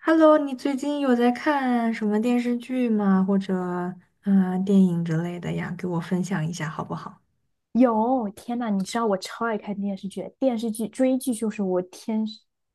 Hello,你最近有在看什么电视剧吗？或者电影之类的呀？给我分享一下好不好？有，天呐，你知道我超爱看电视剧，电视剧追剧就是我天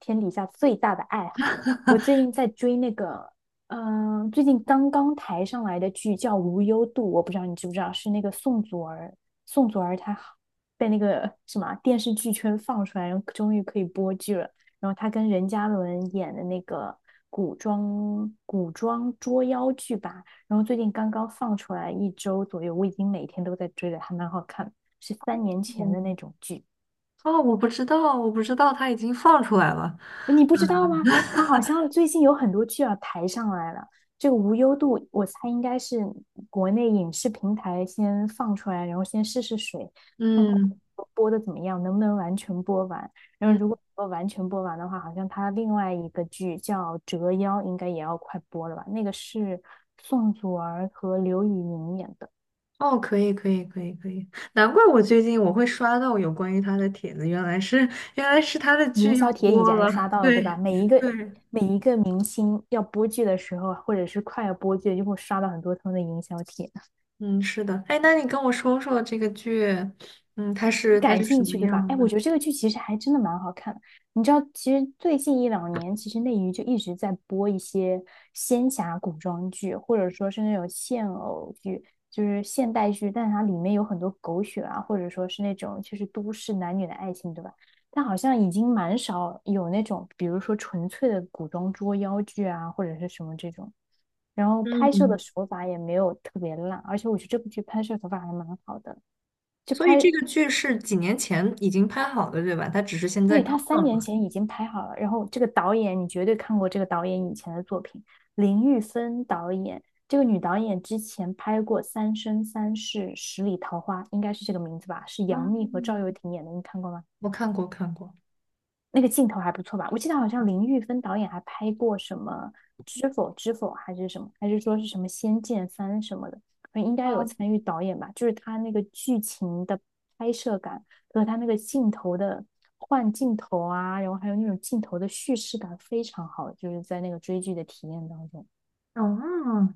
天底下最大的爱好。我最近在追那个，最近刚刚抬上来的剧叫《无忧渡》，我不知道你知不知道，是那个宋祖儿，宋祖儿她好，被那个什么电视剧圈放出来，然后终于可以播剧了。然后她跟任嘉伦演的那个古装捉妖剧吧，然后最近刚刚放出来一周左右，我已经每天都在追了，还蛮好看，是三年前的嗯，那种剧。哦，我不知道它已经放出来了。你不知道吗？它好像最近有很多剧要抬上来了。这个无忧渡，我猜应该是国内影视平台先放出来，然后先试试水，看看嗯播的怎么样，能不能完全播完。然后嗯，如果说完全播完的话，好像它另外一个剧叫《折腰》，应该也要快播了吧？那个是宋祖儿和刘宇宁演的。哦，可以，难怪我最近我会刷到有关于他的帖子，原来是他的营剧要销帖已播然刷了。到了，对对吧？每一个对，每一个明星要播剧的时候啊，或者是快要播剧，就会刷到很多他们的营销帖。嗯，是的。哎，那你跟我说说这个剧，嗯，你它感是什兴么趣，对吧？样哎，我的？觉得这个剧其实还真的蛮好看的。你知道，其实最近一两年，其实内娱就一直在播一些仙侠古装剧，或者说是那种现偶剧，就是现代剧，但它里面有很多狗血啊，或者说是那种就是都市男女的爱情，对吧？但好像已经蛮少有那种，比如说纯粹的古装捉妖剧啊，或者是什么这种。然后拍摄的嗯，手法也没有特别烂，而且我觉得这部剧拍摄手法还蛮好的。就所以拍这个剧是几年前已经拍好的，对吧？它只是现在对，刚他三放出年来。前已经拍好了，然后这个导演你绝对看过这个导演以前的作品，林玉芬导演，这个女导演之前拍过《三生三世十里桃花》，应该是这个名字吧？是杨幂和赵又嗯，廷演的，你看过吗？我看过，看过。那个镜头还不错吧？我记得好像嗯，林玉芬导演还拍过什么《知否知否》还是什么，还是说是什么《仙剑三》什么的，应该有参与导演吧？就是他那个剧情的拍摄感和他那个镜头的换镜头啊，然后还有那种镜头的叙事感非常好，就是在那个追剧的体验当中。哦，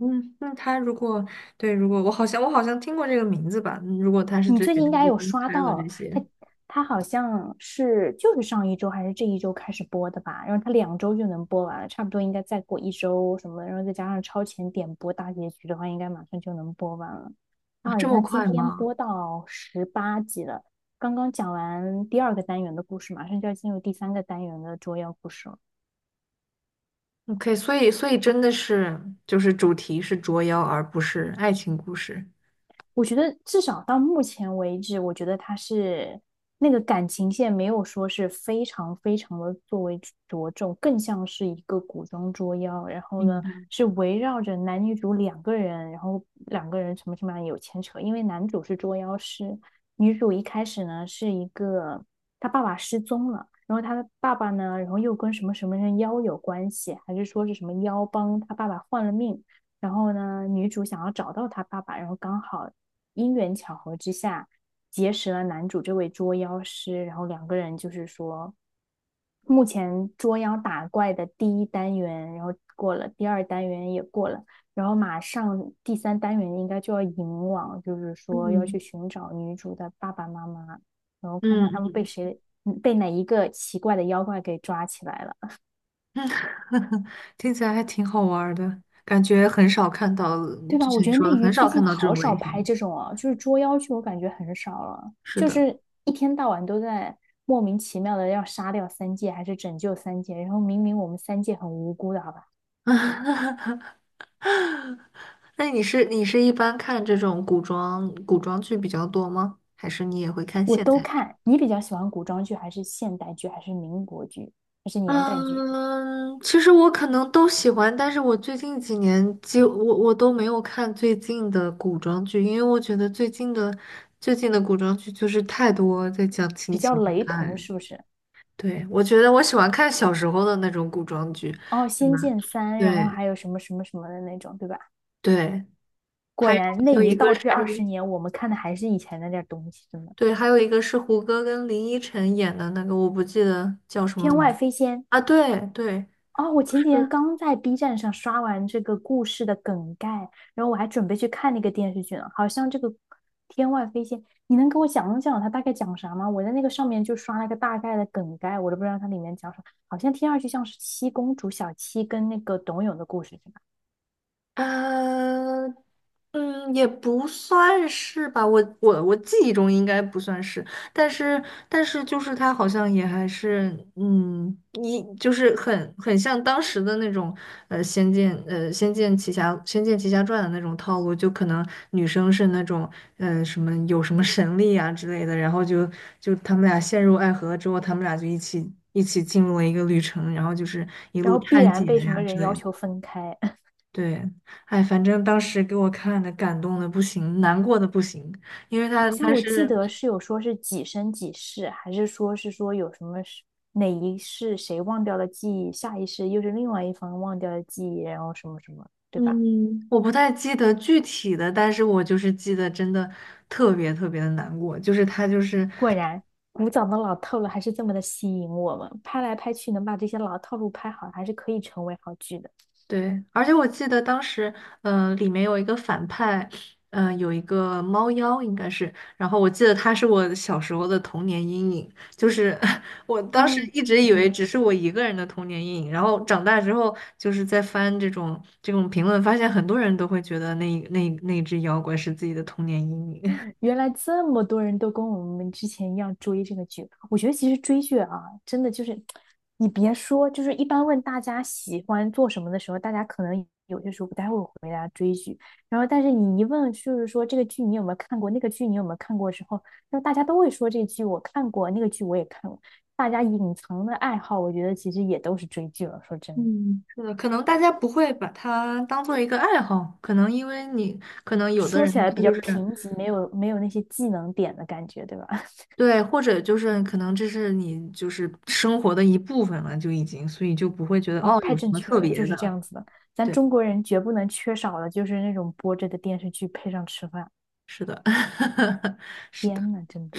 嗯，那他如果对，如果我好像听过这个名字吧？嗯如果他是你之最近前应该已有经刷拍了到这他，些他好像是就是上一周还是这一周开始播的吧？然后他两周就能播完了，差不多应该再过一周什么的，然后再加上超前点播大结局的话，应该马上就能播完了。啊，他这好么像今快天吗播到十八集了，刚刚讲完第二个单元的故事，马上就要进入第三个单元的捉妖故事了。？OK,所以真的是就是主题是捉妖，而不是爱情故事。我觉得至少到目前为止，我觉得他是那个感情线没有说是非常非常的作为着重，更像是一个古装捉妖。然后明呢，白。是围绕着男女主两个人，然后两个人什么什么有牵扯。因为男主是捉妖师，女主一开始呢是一个她爸爸失踪了，然后她的爸爸呢，然后又跟什么什么人妖有关系，还是说是什么妖帮她爸爸换了命。然后呢，女主想要找到她爸爸，然后刚好因缘巧合之下结识了男主这位捉妖师，然后两个人就是说，目前捉妖打怪的第一单元，然后过了，第二单元也过了，然后马上第三单元应该就要引往，就是说要去嗯寻找女主的爸爸妈妈，然后看嗯看他们嗯，被谁，被哪一个奇怪的妖怪给抓起来了。嗯听起来还挺好玩儿的，感觉很少看到，对就吧？我像觉你得说内的，娱很最少近看到这好种少类拍型。这种啊，就是捉妖剧，我感觉很少了，是就的，是一天到晚都在莫名其妙的要杀掉三界，还是拯救三界，然后明明我们三界很无辜的，好吧？那你是一般看这种古装剧比较多吗？还是你也会看我现都代剧？看。你比较喜欢古装剧，还是现代剧，还是民国剧，还是年代剧？嗯，其实我可能都喜欢，但是我最近几年几我都没有看最近的古装剧，因为我觉得最近的古装剧就是太多在讲亲比较情雷爱爱同了。是不是？对，我觉得我喜欢看小时候的那种古装剧，哦，是《仙吧？剑三》，然后对还有什么什么什么的那种，对吧？对，果还有然还内有娱一个倒退二十是。年，我们看的还是以前那点儿东西，真的对，还有一个是胡歌跟林依晨演的那个，我不记得叫什么天外名飞仙。啊。对对，哦，我就前几天是刚在 B 站上刷完这个故事的梗概，然后我还准备去看那个电视剧呢。好像这个《天外飞仙》，你能给我讲讲它大概讲啥吗？我在那个上面就刷了个大概的梗概，我都不知道它里面讲啥。好像听上去像是七公主小七跟那个董永的故事，是吧？呃，嗯，也不算是吧，我记忆中应该不算是，但是他好像也还是，嗯，一就是很像当时的那种，仙剑奇侠，仙剑奇侠传的那种套路，就可能女生是那种，呃，什么有什么神力啊之类的，就他们俩陷入爱河之后，他们俩就一起进入了一个旅程，然后就是一然路后必探然险被什呀、么之人类要的。求分开。对，哎，反正当时给我看的感动的不行，难过的不行，因为好像他我记是，得是有说是几生几世，还是说是说有什么是哪一世谁忘掉了记忆，下一世又是另外一方忘掉了记忆，然后什么什么，对吧？嗯，我不太记得具体的，但是我就是记得真的特别的难过，就是他就是。果然，古早的老套路还是这么的吸引我们，拍来拍去能把这些老套路拍好，还是可以成为好剧的。对，而且我记得当时，呃，里面有一个反派，呃，有一个猫妖，应该是。然后我记得他是我小时候的童年阴影，就是 我当时哦，一直以嗯。为只是我一个人的童年阴影，然后长大之后就是在翻这种评论，发现很多人都会觉得那只妖怪是自己的童年阴影。原来这么多人都跟我们之前一样追这个剧，我觉得其实追剧啊，真的就是，你别说，就是一般问大家喜欢做什么的时候，大家可能有些时候不太会回答追剧，然后但是你一问，就是说这个剧你有没有看过，那个剧你有没有看过之后，那大家都会说这剧我看过，那个剧我也看过，大家隐藏的爱好，我觉得其实也都是追剧了。说真的，嗯，是的，可能大家不会把它当做一个爱好，可能因为你，可能有的说起人来他比较就是。贫瘠，没有那些技能点的感觉，对吧？对，或者就是可能这是你就是生活的一部分了，就已经，所以就不会觉得哦，哦太有什正么确特了，就别是的。这样子的。咱对，中国人绝不能缺少的就是那种播着的电视剧配上吃饭。是的，是的，天呐，真的。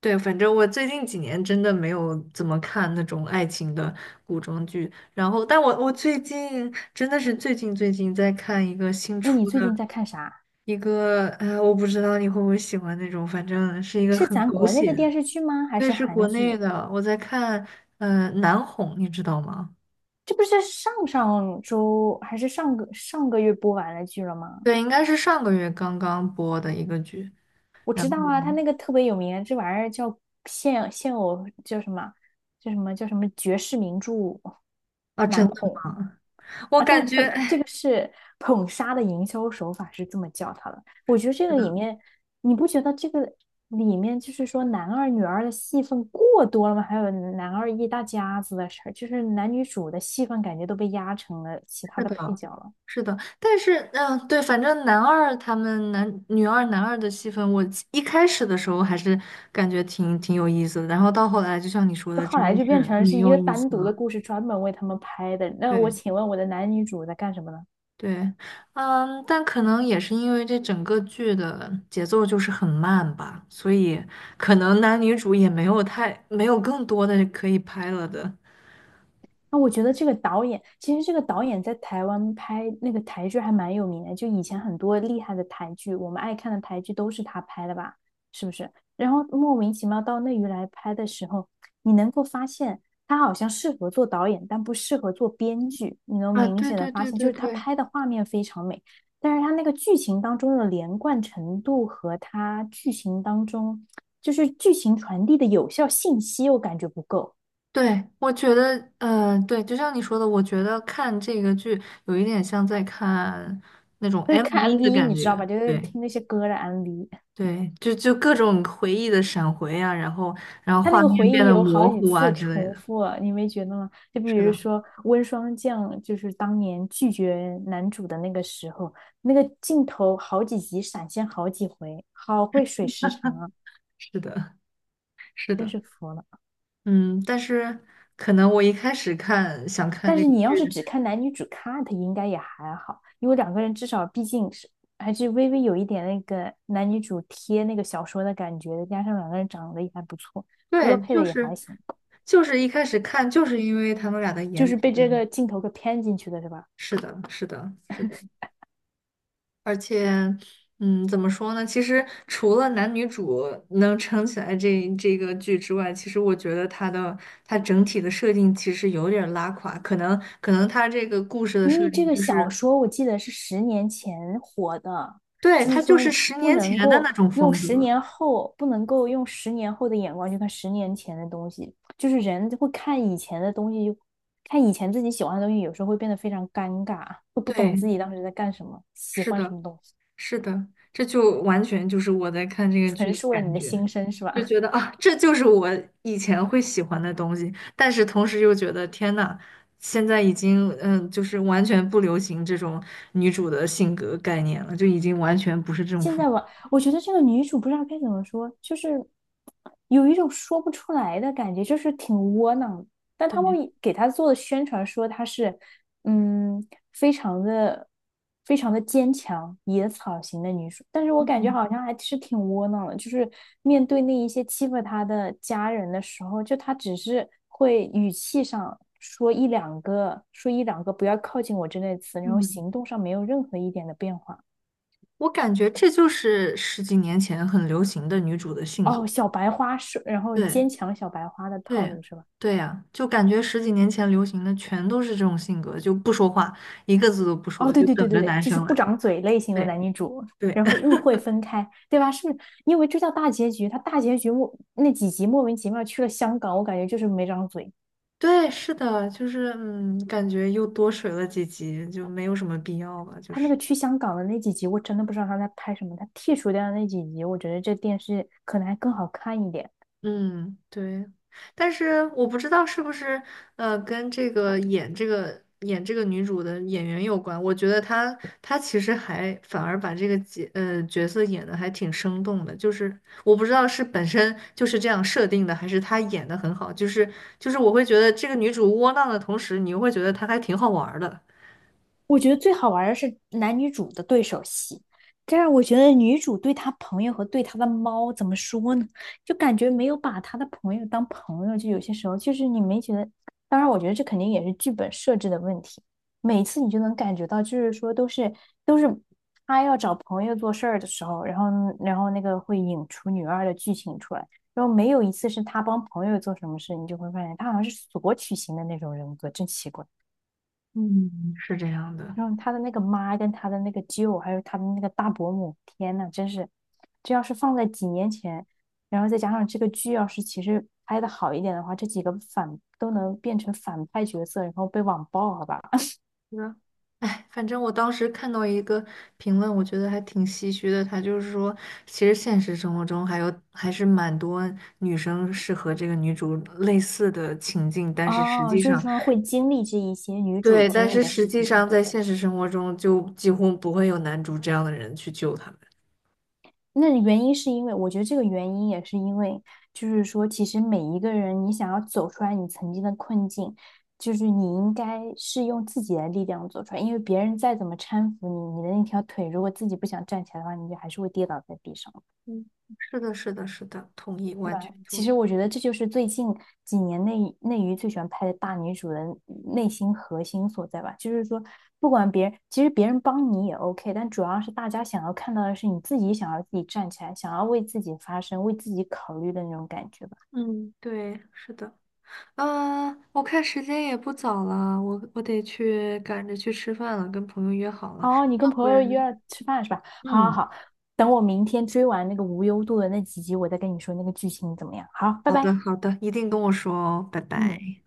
对，反正我最近几年真的没有怎么看那种爱情的古装剧，然后我最近真的是最近在看一个新那你出最的近在看啥？一个，呃，我不知道你会不会喜欢那种，反正是一个是很咱狗国内血的的，电视剧吗？还对，是是国韩内剧？的，我在看，呃，南红，你知道吗？这不是上上周还是上个上个月播完了剧了吗？对，应该是上个月刚刚播的一个剧。我然知道后啊，他那个特别有名，这玩意儿叫现偶叫什么？叫什么绝世名著啊，真难的哄吗？我啊！感但觉，但这哎，个是捧杀的营销手法是这么叫它的。我觉得这是个的，里面，你不觉得这个里面就是说男二女二的戏份过多了吗？还有男二一大家子的事儿，就是男女主的戏份感觉都被压成了其他是的的，配角了。是的。但是，对，反正男二的戏份，我一开始的时候还是感觉挺有意思的，然后到后来，就像你说的，后真来的就变是成没是一有个意思单独的了。故事，专门为他们拍的。那我对。请问我的男女主在干什么呢？对，嗯，但可能也是因为这整个剧的节奏就是很慢吧，所以可能男女主也没有更多的可以拍了的。那我觉得这个导演，其实这个导演在台湾拍那个台剧还蛮有名的，就以前很多厉害的台剧，我们爱看的台剧都是他拍的吧？是不是？然后莫名其妙到内娱来拍的时候，你能够发现他好像适合做导演，但不适合做编剧。你能啊，明显的发现，就是他拍的画面非常美，但是他那个剧情当中的连贯程度和他剧情当中就是剧情传递的有效信息，我感觉不够。对，我觉得，呃，对，就像你说的，我觉得看这个剧有一点像在看那种 就是看 MV 的 MV,你感知道吧？觉，就是对听那些歌的 MV,对，就各种回忆的闪回啊，然后他那画个面回变忆得有好模几糊啊次之类重的，复，你没觉得吗？就比是如的，说温霜降，就是当年拒绝男主的那个时候，那个镜头好几集闪现好几回，好会水时长啊，是的，是真的，是服了。嗯，但是可能我一开始看想看但这是个你要是剧，只看男女主 cut，应该也还好，因为两个人至少毕竟是还是微微有一点那个男女主贴那个小说的感觉的，加上两个人长得也还不错，歌对，配的也还行。就是一开始看就是因为他们俩的就颜是值，被这个镜头给骗进去的，是吧？是的，是的，是的。而且，嗯，怎么说呢？其实除了男女主能撑起来这个剧之外，其实我觉得它的它整体的设定其实有点儿拉垮，可能它这个故事的因设为定这个就小是，说我记得是十年前火的，对，就是它就说是十不年能前的够那种用风十格。年后，不能够用十年后的眼光去看十年前的东西，就是人会看以前的东西，看以前自己喜欢的东西，有时候会变得非常尴尬，会不懂对，自己当时在干什么，喜是欢什的。么东西，是的，这就完全就是我在看这个剧陈的述了你感的觉，心声，是就吧？觉得啊，这就是我以前会喜欢的东西，但是同时又觉得天呐，现在已经嗯，就是完全不流行这种女主的性格概念了，就已经完全不是这种现风。在我觉得这个女主不知道该怎么说，就是有一种说不出来的感觉，就是挺窝囊的，但他们对，给她做的宣传说她是，嗯，非常的、非常的坚强、野草型的女主，但是我感觉嗯好像还是挺窝囊的。就是面对那一些欺负她的家人的时候，就她只是会语气上说一两个、说一两个不要靠近我之类的词，然后嗯，行动上没有任何一点的变化。我感觉这就是十几年前很流行的女主的性格。哦，小白花是，然后坚对。强小白花的套对，路是吧？对呀，就感觉十几年前流行的全都是这种性格，就不说话，一个字都不哦，说，对就对对等对着对，男就是生不来。长嘴类型的对，男女主，对 然后 误会分开，对吧？是不是？因为这叫大结局，他大结局莫那几集莫名其妙去了香港，我感觉就是没长嘴。对，是的，就是嗯，感觉又多水了几集，就没有什么必要吧，就他那是。个去香港的那几集，我真的不知道他在拍什么。他剔除掉的那几集，我觉得这电视可能还更好看一点。嗯，对，但是我不知道是不是呃跟这个演这个女主的演员有关。我觉得她其实还反而把这个呃角色演的还挺生动的，就是我不知道是本身就是这样设定的，还是她演的很好。就是我会觉得这个女主窝囊的同时，你又会觉得她还挺好玩儿的。我觉得最好玩儿的是男女主的对手戏，这样我觉得女主对她朋友和对她的猫怎么说呢？就感觉没有把她的朋友当朋友，就有些时候就是你没觉得。当然，我觉得这肯定也是剧本设置的问题。每次你就能感觉到，就是说都是他要找朋友做事儿的时候，然后那个会引出女二的剧情出来，然后没有一次是他帮朋友做什么事，你就会发现他好像是索取型的那种人格，真奇怪。嗯，是这样的。然后他的那个妈跟他的那个舅，还有他的那个大伯母，天呐，真是，这要是放在几年前，然后再加上这个剧要是其实拍的好一点的话，这几个反都能变成反派角色，然后被网暴，好吧？嗯，哎，反正我当时看到一个评论，我觉得还挺唏嘘的。他就是说，其实现实生活中还是蛮多女生是和这个女主类似的情境，但是实哦，际就是上，说会经历这一些女主对，但经历是的实事际情，对不上对？在现实生活中就几乎不会有男主这样的人去救他们。那原因是因为，我觉得这个原因也是因为，就是说，其实每一个人，你想要走出来你曾经的困境，就是你应该是用自己的力量走出来，因为别人再怎么搀扶你，你的那条腿如果自己不想站起来的话，你就还是会跌倒在地上。嗯，是的，是的，是的，同意，对完吧？全同其意。实我觉得这就是最近几年内内娱最喜欢拍的大女主的内心核心所在吧。就是说，不管别人，其实别人帮你也 OK，但主要是大家想要看到的是你自己想要自己站起来，想要为自己发声、为自己考虑的那种感觉吧。嗯，对，是的。啊，我看时间也不早了，我得去赶着去吃饭了，跟朋友约好了，哦，你跟朋不友约然。了吃饭是吧？好好嗯，好，等我明天追完那个无忧渡的那几集，我再跟你说那个剧情怎么样。好，拜好拜。的，好的，一定跟我说哦，拜嗯。拜。